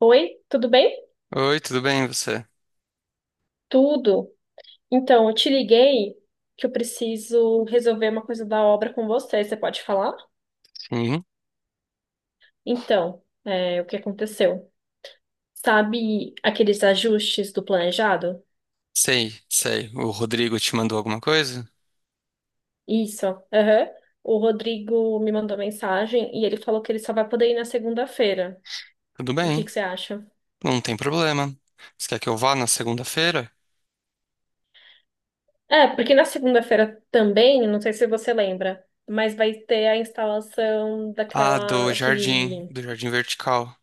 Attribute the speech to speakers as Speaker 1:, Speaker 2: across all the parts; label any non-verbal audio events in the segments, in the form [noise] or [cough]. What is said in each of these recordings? Speaker 1: Oi, tudo bem?
Speaker 2: Oi, tudo bem você?
Speaker 1: Tudo. Então, eu te liguei que eu preciso resolver uma coisa da obra com você. Você pode falar?
Speaker 2: Sim,
Speaker 1: Então, o que aconteceu? Sabe aqueles ajustes do planejado?
Speaker 2: sei. O Rodrigo te mandou alguma coisa?
Speaker 1: Isso. Aham. O Rodrigo me mandou mensagem e ele falou que ele só vai poder ir na segunda-feira.
Speaker 2: Tudo
Speaker 1: O que
Speaker 2: bem,
Speaker 1: que você acha?
Speaker 2: não tem problema. Você quer que eu vá na segunda-feira?
Speaker 1: É, porque na segunda-feira também, não sei se você lembra, mas vai ter a instalação
Speaker 2: Ah, do
Speaker 1: daquela,
Speaker 2: jardim,
Speaker 1: aquele.
Speaker 2: do jardim vertical.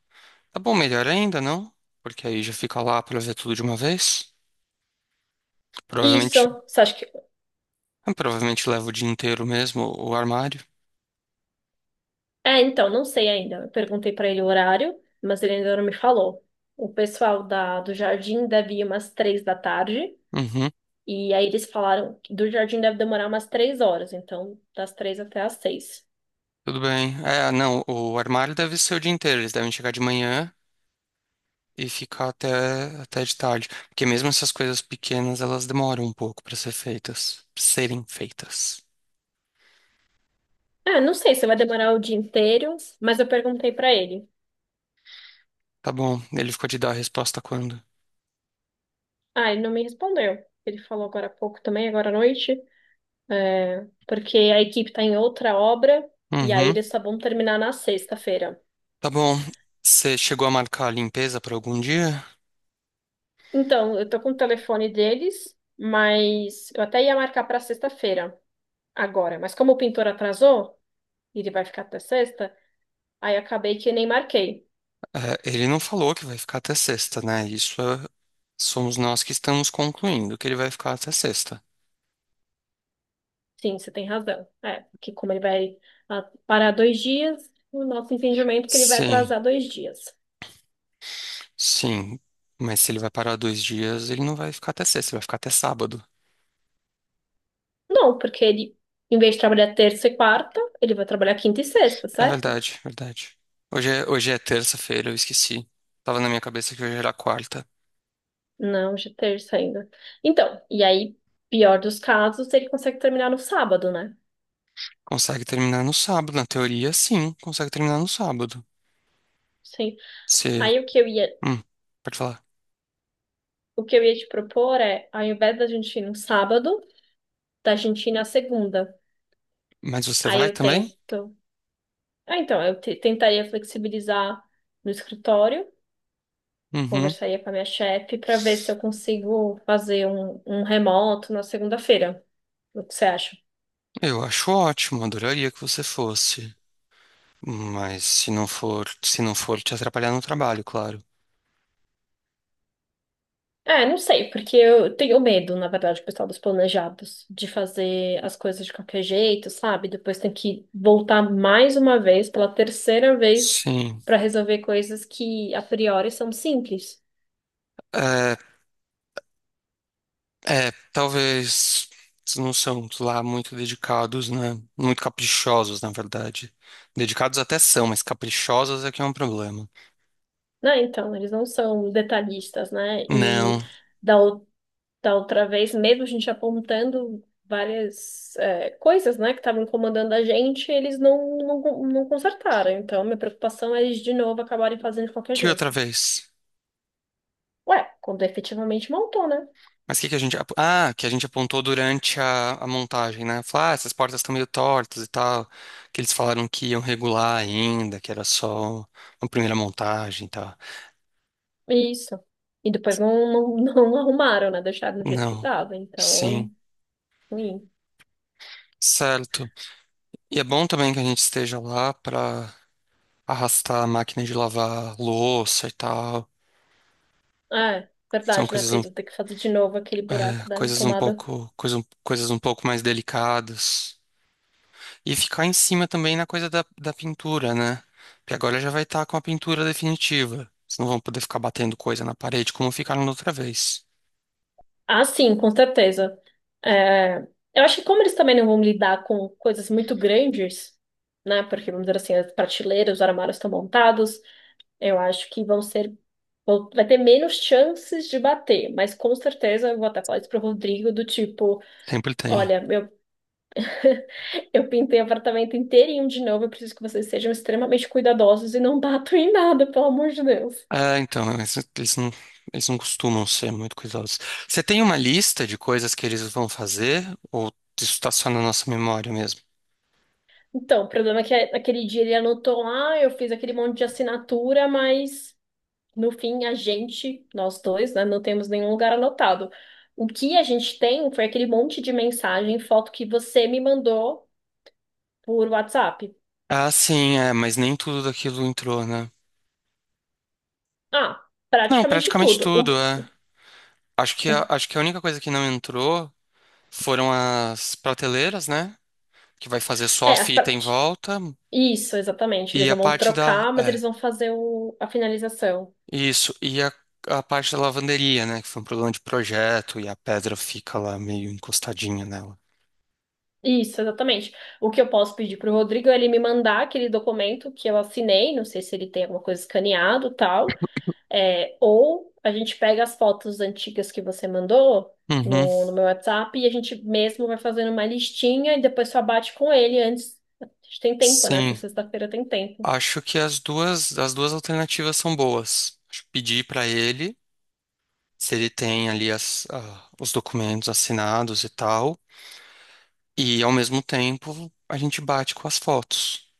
Speaker 2: Tá bom, melhor ainda, não? Porque aí já fica lá pra ver tudo de uma vez. Provavelmente,
Speaker 1: Isso, você acha que
Speaker 2: provavelmente leva o dia inteiro mesmo, o armário.
Speaker 1: É, então, não sei ainda. Eu perguntei para ele o horário, mas ele ainda não me falou. O pessoal do jardim deve ir umas 3 da tarde.
Speaker 2: Uhum,
Speaker 1: E aí eles falaram que do jardim deve demorar umas 3 horas. Então, das 3 até às 6.
Speaker 2: tudo bem. É, não, o armário deve ser o dia inteiro. Eles devem chegar de manhã e ficar até de tarde. Porque mesmo essas coisas pequenas, elas demoram um pouco para ser feitas, pra serem feitas.
Speaker 1: É, não sei se vai demorar o dia inteiro, mas eu perguntei para ele.
Speaker 2: Tá bom, ele ficou de dar a resposta quando?
Speaker 1: Ah, ele não me respondeu. Ele falou agora há pouco também, agora à noite. É, porque a equipe tá em outra obra. E aí
Speaker 2: Uhum,
Speaker 1: eles só vão terminar na sexta-feira.
Speaker 2: tá bom. Você chegou a marcar a limpeza para algum dia?
Speaker 1: Então, eu tô com o telefone deles, mas eu até ia marcar para sexta-feira agora. Mas como o pintor atrasou, e ele vai ficar até sexta, aí acabei que nem marquei.
Speaker 2: É, ele não falou que vai ficar até sexta, né? Somos nós que estamos concluindo que ele vai ficar até sexta.
Speaker 1: Sim, você tem razão. É, que como ele vai parar 2 dias, o nosso entendimento é que ele vai
Speaker 2: Sim,
Speaker 1: atrasar 2 dias.
Speaker 2: sim. Mas se ele vai parar dois dias, ele não vai ficar até sexta, ele vai ficar até sábado.
Speaker 1: Não, porque ele, em vez de trabalhar terça e quarta, ele vai trabalhar quinta e sexta,
Speaker 2: É
Speaker 1: certo?
Speaker 2: verdade, verdade. Hoje é terça-feira, eu esqueci. Tava na minha cabeça que hoje era quarta.
Speaker 1: Não, hoje é terça ainda. Então, e aí, pior dos casos, ele consegue terminar no sábado, né?
Speaker 2: Consegue terminar no sábado, na teoria, sim, consegue terminar no sábado.
Speaker 1: Sim.
Speaker 2: Você.
Speaker 1: Aí o que eu ia
Speaker 2: Hum, pode falar.
Speaker 1: O que eu ia te propor é, ao invés da gente ir no sábado, da gente ir na segunda.
Speaker 2: Mas você
Speaker 1: Aí
Speaker 2: vai
Speaker 1: eu
Speaker 2: também?
Speaker 1: tento. Ah, então, tentaria flexibilizar no escritório,
Speaker 2: Uhum.
Speaker 1: conversaria com a minha chefe para ver se eu consigo fazer um remoto na segunda-feira. O que você acha?
Speaker 2: Eu acho ótimo, adoraria que você fosse. Mas se não for te atrapalhar no trabalho, claro.
Speaker 1: É, não sei, porque eu tenho medo, na verdade, pessoal, dos planejados, de fazer as coisas de qualquer jeito, sabe? Depois tem que voltar mais uma vez, pela terceira vez,
Speaker 2: Sim.
Speaker 1: para resolver coisas que a priori são simples.
Speaker 2: É, talvez eles não são lá muito dedicados, né? Muito caprichosos, na verdade. Dedicados até são, mas caprichosos é que é um problema.
Speaker 1: Não, então, eles não são detalhistas, né? E
Speaker 2: Não.
Speaker 1: da, ou- da outra vez, mesmo a gente apontando várias coisas, né, que estavam incomodando a gente, eles não, não, não consertaram. Então, minha preocupação é eles de novo acabarem fazendo de qualquer
Speaker 2: Que outra
Speaker 1: jeito.
Speaker 2: vez?
Speaker 1: Ué, quando efetivamente montou, né?
Speaker 2: Mas o que que a gente... ap- ah, que a gente apontou durante a montagem, né? Falar, ah, essas portas estão meio tortas e tal. Que eles falaram que iam regular ainda, que era só uma primeira montagem e tal.
Speaker 1: Isso. E depois não, não, [laughs] não arrumaram, né? Deixaram do jeito que
Speaker 2: Não.
Speaker 1: tava. Então,
Speaker 2: Sim.
Speaker 1: ruim.
Speaker 2: Certo. E é bom também que a gente esteja lá para arrastar a máquina de lavar louça e tal.
Speaker 1: Ah, é,
Speaker 2: São
Speaker 1: verdade, né,
Speaker 2: coisas, um-
Speaker 1: Pedro? Ter que fazer de novo aquele
Speaker 2: É,
Speaker 1: buraco da tomada.
Speaker 2: coisas um pouco mais delicadas. E ficar em cima também na coisa da pintura, né? Porque agora já vai estar com a pintura definitiva. Vocês não vão poder ficar batendo coisa na parede como ficaram da outra vez.
Speaker 1: Ah, sim, com certeza. É, eu acho que como eles também não vão lidar com coisas muito grandes, né? Porque, vamos dizer assim, as prateleiras, os armários estão montados, eu acho que vão ser, vai ter menos chances de bater. Mas com certeza eu vou até falar isso pro Rodrigo, do tipo,
Speaker 2: Sempre tem.
Speaker 1: olha, eu pintei o apartamento inteirinho de novo, eu preciso que vocês sejam extremamente cuidadosos e não [laughs] batam em nada, pelo amor de Deus.
Speaker 2: É, então, eles não costumam ser muito cuidadosos. Você tem uma lista de coisas que eles vão fazer? Ou isso está só na nossa memória mesmo?
Speaker 1: Então, o problema é que naquele dia ele anotou lá, eu fiz aquele monte de assinatura, mas no fim, a gente, nós dois, né, não temos nenhum lugar anotado. O que a gente tem foi aquele monte de mensagem, foto que você me mandou por WhatsApp.
Speaker 2: Ah, sim, é, mas nem tudo daquilo entrou, né?
Speaker 1: Ah,
Speaker 2: Não,
Speaker 1: praticamente
Speaker 2: praticamente
Speaker 1: tudo.
Speaker 2: tudo, é. Acho que a,
Speaker 1: O-
Speaker 2: acho que a única coisa que não entrou foram as prateleiras, né? Que vai fazer só a
Speaker 1: as
Speaker 2: fita em
Speaker 1: partes.
Speaker 2: volta
Speaker 1: Isso, exatamente.
Speaker 2: e
Speaker 1: Eles
Speaker 2: a
Speaker 1: não vão
Speaker 2: parte da,
Speaker 1: trocar, mas eles
Speaker 2: é,
Speaker 1: vão fazer a finalização.
Speaker 2: isso, e a parte da lavanderia, né? Que foi um problema de projeto e a pedra fica lá meio encostadinha nela.
Speaker 1: Isso, exatamente. O que eu posso pedir para o Rodrigo é ele me mandar aquele documento que eu assinei, não sei se ele tem alguma coisa escaneado, tal. É, ou a gente pega as fotos antigas que você mandou
Speaker 2: Uhum.
Speaker 1: no meu WhatsApp e a gente mesmo vai fazendo uma listinha e depois só bate com ele antes. A gente tem tempo, né? Até
Speaker 2: Sim,
Speaker 1: sexta-feira tem tempo.
Speaker 2: acho que as duas alternativas são boas. Acho que pedir para ele se ele tem ali os documentos assinados e tal. E ao mesmo tempo a gente bate com as fotos.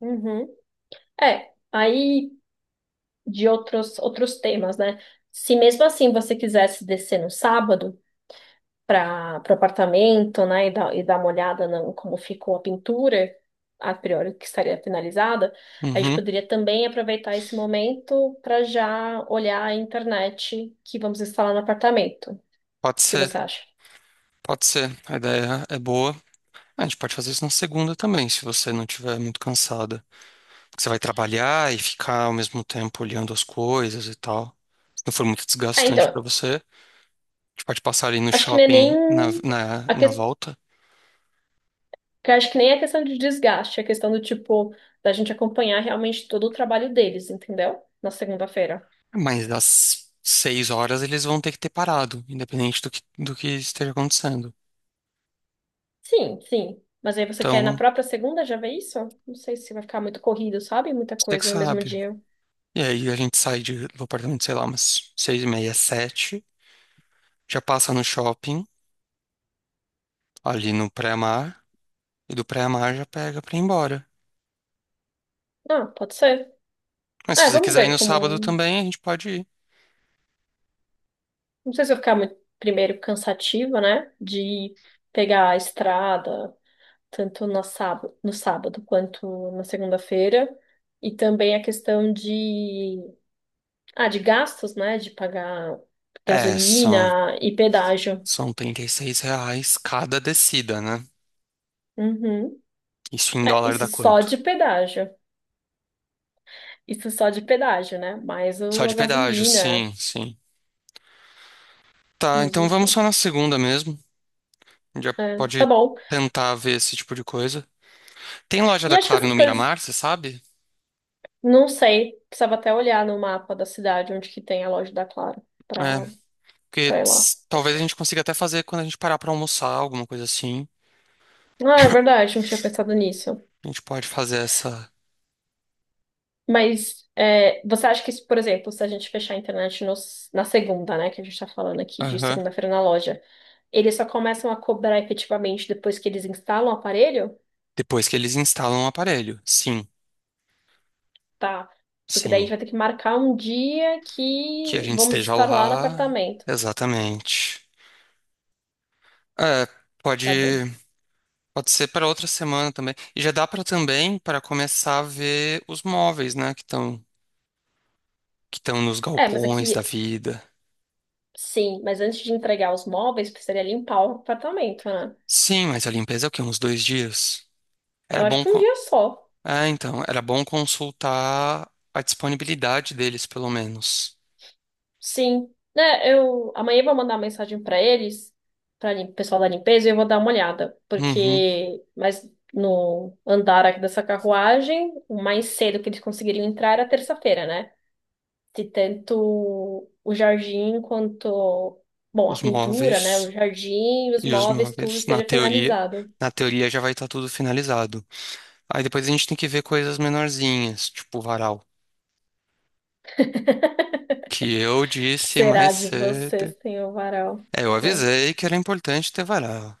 Speaker 1: Uhum. É, aí de outros temas, né? Se mesmo assim você quisesse descer no sábado para o apartamento, né, e dar uma olhada no, como ficou a pintura, a priori que estaria finalizada, a gente
Speaker 2: Uhum,
Speaker 1: poderia também aproveitar esse momento para já olhar a internet que vamos instalar no apartamento. O
Speaker 2: pode
Speaker 1: que
Speaker 2: ser,
Speaker 1: você acha?
Speaker 2: pode ser. A ideia é boa. A gente pode fazer isso na segunda também, se você não estiver muito cansada. Porque você vai trabalhar e ficar ao mesmo tempo olhando as coisas e tal. Se não for muito
Speaker 1: Ah,
Speaker 2: desgastante para
Speaker 1: então,
Speaker 2: você, a gente pode passar ali no
Speaker 1: acho que não é nem
Speaker 2: shopping na, na,
Speaker 1: a
Speaker 2: na volta.
Speaker 1: que acho que nem é questão de desgaste, é questão do tipo da gente acompanhar realmente todo o trabalho deles, entendeu? Na segunda-feira.
Speaker 2: Mas às seis horas eles vão ter que ter parado, independente do que esteja acontecendo.
Speaker 1: Sim, sim. Mas aí você quer na
Speaker 2: Então,
Speaker 1: própria segunda já ver isso? Não sei se vai ficar muito corrido, sabe? Muita
Speaker 2: você que
Speaker 1: coisa no mesmo
Speaker 2: sabe.
Speaker 1: dia.
Speaker 2: E aí a gente sai do apartamento, sei lá, umas seis e meia, sete, já passa no shopping, ali no pré-mar, e do pré-mar já pega pra ir embora.
Speaker 1: Ah, pode ser.
Speaker 2: Mas se
Speaker 1: É,
Speaker 2: você
Speaker 1: vamos
Speaker 2: quiser ir no
Speaker 1: ver
Speaker 2: sábado
Speaker 1: como.
Speaker 2: também, a gente pode ir.
Speaker 1: Não sei se vai ficar muito, primeiro, cansativa, né? De pegar a estrada, tanto no sábado, quanto na segunda-feira. E também a questão de. Ah, de gastos, né? De pagar
Speaker 2: É, são,
Speaker 1: gasolina e pedágio.
Speaker 2: são R$ 36 cada descida, né?
Speaker 1: Uhum.
Speaker 2: Isso em
Speaker 1: É,
Speaker 2: dólar
Speaker 1: isso
Speaker 2: dá
Speaker 1: só
Speaker 2: quanto?
Speaker 1: de pedágio. Isso só de pedágio, né? Mais
Speaker 2: Só
Speaker 1: o, a
Speaker 2: de pedágio,
Speaker 1: gasolina,
Speaker 2: sim, sim. Tá,
Speaker 1: mas
Speaker 2: então vamos
Speaker 1: enfim.
Speaker 2: só na segunda mesmo. Já
Speaker 1: É, tá
Speaker 2: pode
Speaker 1: bom.
Speaker 2: tentar ver esse tipo de coisa. Tem loja
Speaker 1: E
Speaker 2: da
Speaker 1: acho que
Speaker 2: Claro no
Speaker 1: essas coisas,
Speaker 2: Miramar, você sabe?
Speaker 1: não sei, precisava até olhar no mapa da cidade onde que tem a loja da Claro
Speaker 2: É.
Speaker 1: pra,
Speaker 2: Porque
Speaker 1: pra ir lá.
Speaker 2: talvez a gente consiga até fazer quando a gente parar pra almoçar, alguma coisa assim.
Speaker 1: Ah, é verdade, não tinha pensado nisso.
Speaker 2: A gente pode fazer essa.
Speaker 1: Mas é, você acha que, se, por exemplo, se a gente fechar a internet na segunda, né, que a gente tá falando aqui de
Speaker 2: Aham.
Speaker 1: segunda-feira na loja, eles só começam a cobrar efetivamente depois que eles instalam o aparelho?
Speaker 2: Depois que eles instalam o aparelho. Sim,
Speaker 1: Tá. Porque daí a gente
Speaker 2: sim.
Speaker 1: vai ter que marcar um dia
Speaker 2: Que a
Speaker 1: que
Speaker 2: gente
Speaker 1: vamos
Speaker 2: esteja
Speaker 1: estar lá no
Speaker 2: lá.
Speaker 1: apartamento.
Speaker 2: Exatamente. É,
Speaker 1: Tá bom.
Speaker 2: pode, pode ser para outra semana também. E já dá para também para começar a ver os móveis, né, que estão nos
Speaker 1: É, mas
Speaker 2: galpões da
Speaker 1: aqui,
Speaker 2: vida.
Speaker 1: sim, mas antes de entregar os móveis, precisaria limpar o apartamento, né?
Speaker 2: Sim, mas a limpeza é o quê? Uns dois dias. Era
Speaker 1: Eu acho
Speaker 2: bom
Speaker 1: que um
Speaker 2: co-
Speaker 1: dia só.
Speaker 2: Ah, então, era bom consultar a disponibilidade deles, pelo menos.
Speaker 1: Sim. Né, eu amanhã eu vou mandar uma mensagem pra eles, para o pessoal da limpeza, e eu vou dar uma olhada,
Speaker 2: Uhum.
Speaker 1: porque mas no andar aqui dessa carruagem, o mais cedo que eles conseguiriam entrar era terça-feira, né? De tanto o jardim quanto, bom, a
Speaker 2: Os
Speaker 1: pintura, né, o
Speaker 2: móveis
Speaker 1: jardim, os
Speaker 2: e os
Speaker 1: móveis, tudo
Speaker 2: móveis, na
Speaker 1: esteja
Speaker 2: teoria,
Speaker 1: finalizado.
Speaker 2: na teoria já vai estar tudo finalizado. Aí depois a gente tem que ver coisas menorzinhas, tipo o varal, que eu disse
Speaker 1: Será
Speaker 2: mais
Speaker 1: de você
Speaker 2: cedo.
Speaker 1: sem o varal,
Speaker 2: É, eu
Speaker 1: né?
Speaker 2: avisei que era importante ter varal,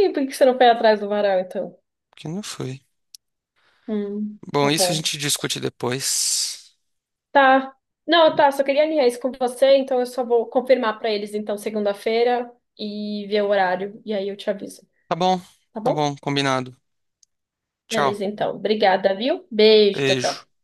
Speaker 1: E por que você não foi atrás do varal, então?
Speaker 2: que não foi.
Speaker 1: Tá
Speaker 2: Bom, isso a
Speaker 1: bom.
Speaker 2: gente discute depois.
Speaker 1: Tá. Não, tá, só queria alinhar isso com você, então eu só vou confirmar pra eles, então, segunda-feira e ver o horário, e aí eu te aviso,
Speaker 2: Tá bom,
Speaker 1: tá
Speaker 2: tá
Speaker 1: bom?
Speaker 2: bom, combinado. Tchau.
Speaker 1: Beleza, então. Obrigada, viu? Beijo, tchau,
Speaker 2: Beijo.
Speaker 1: tchau.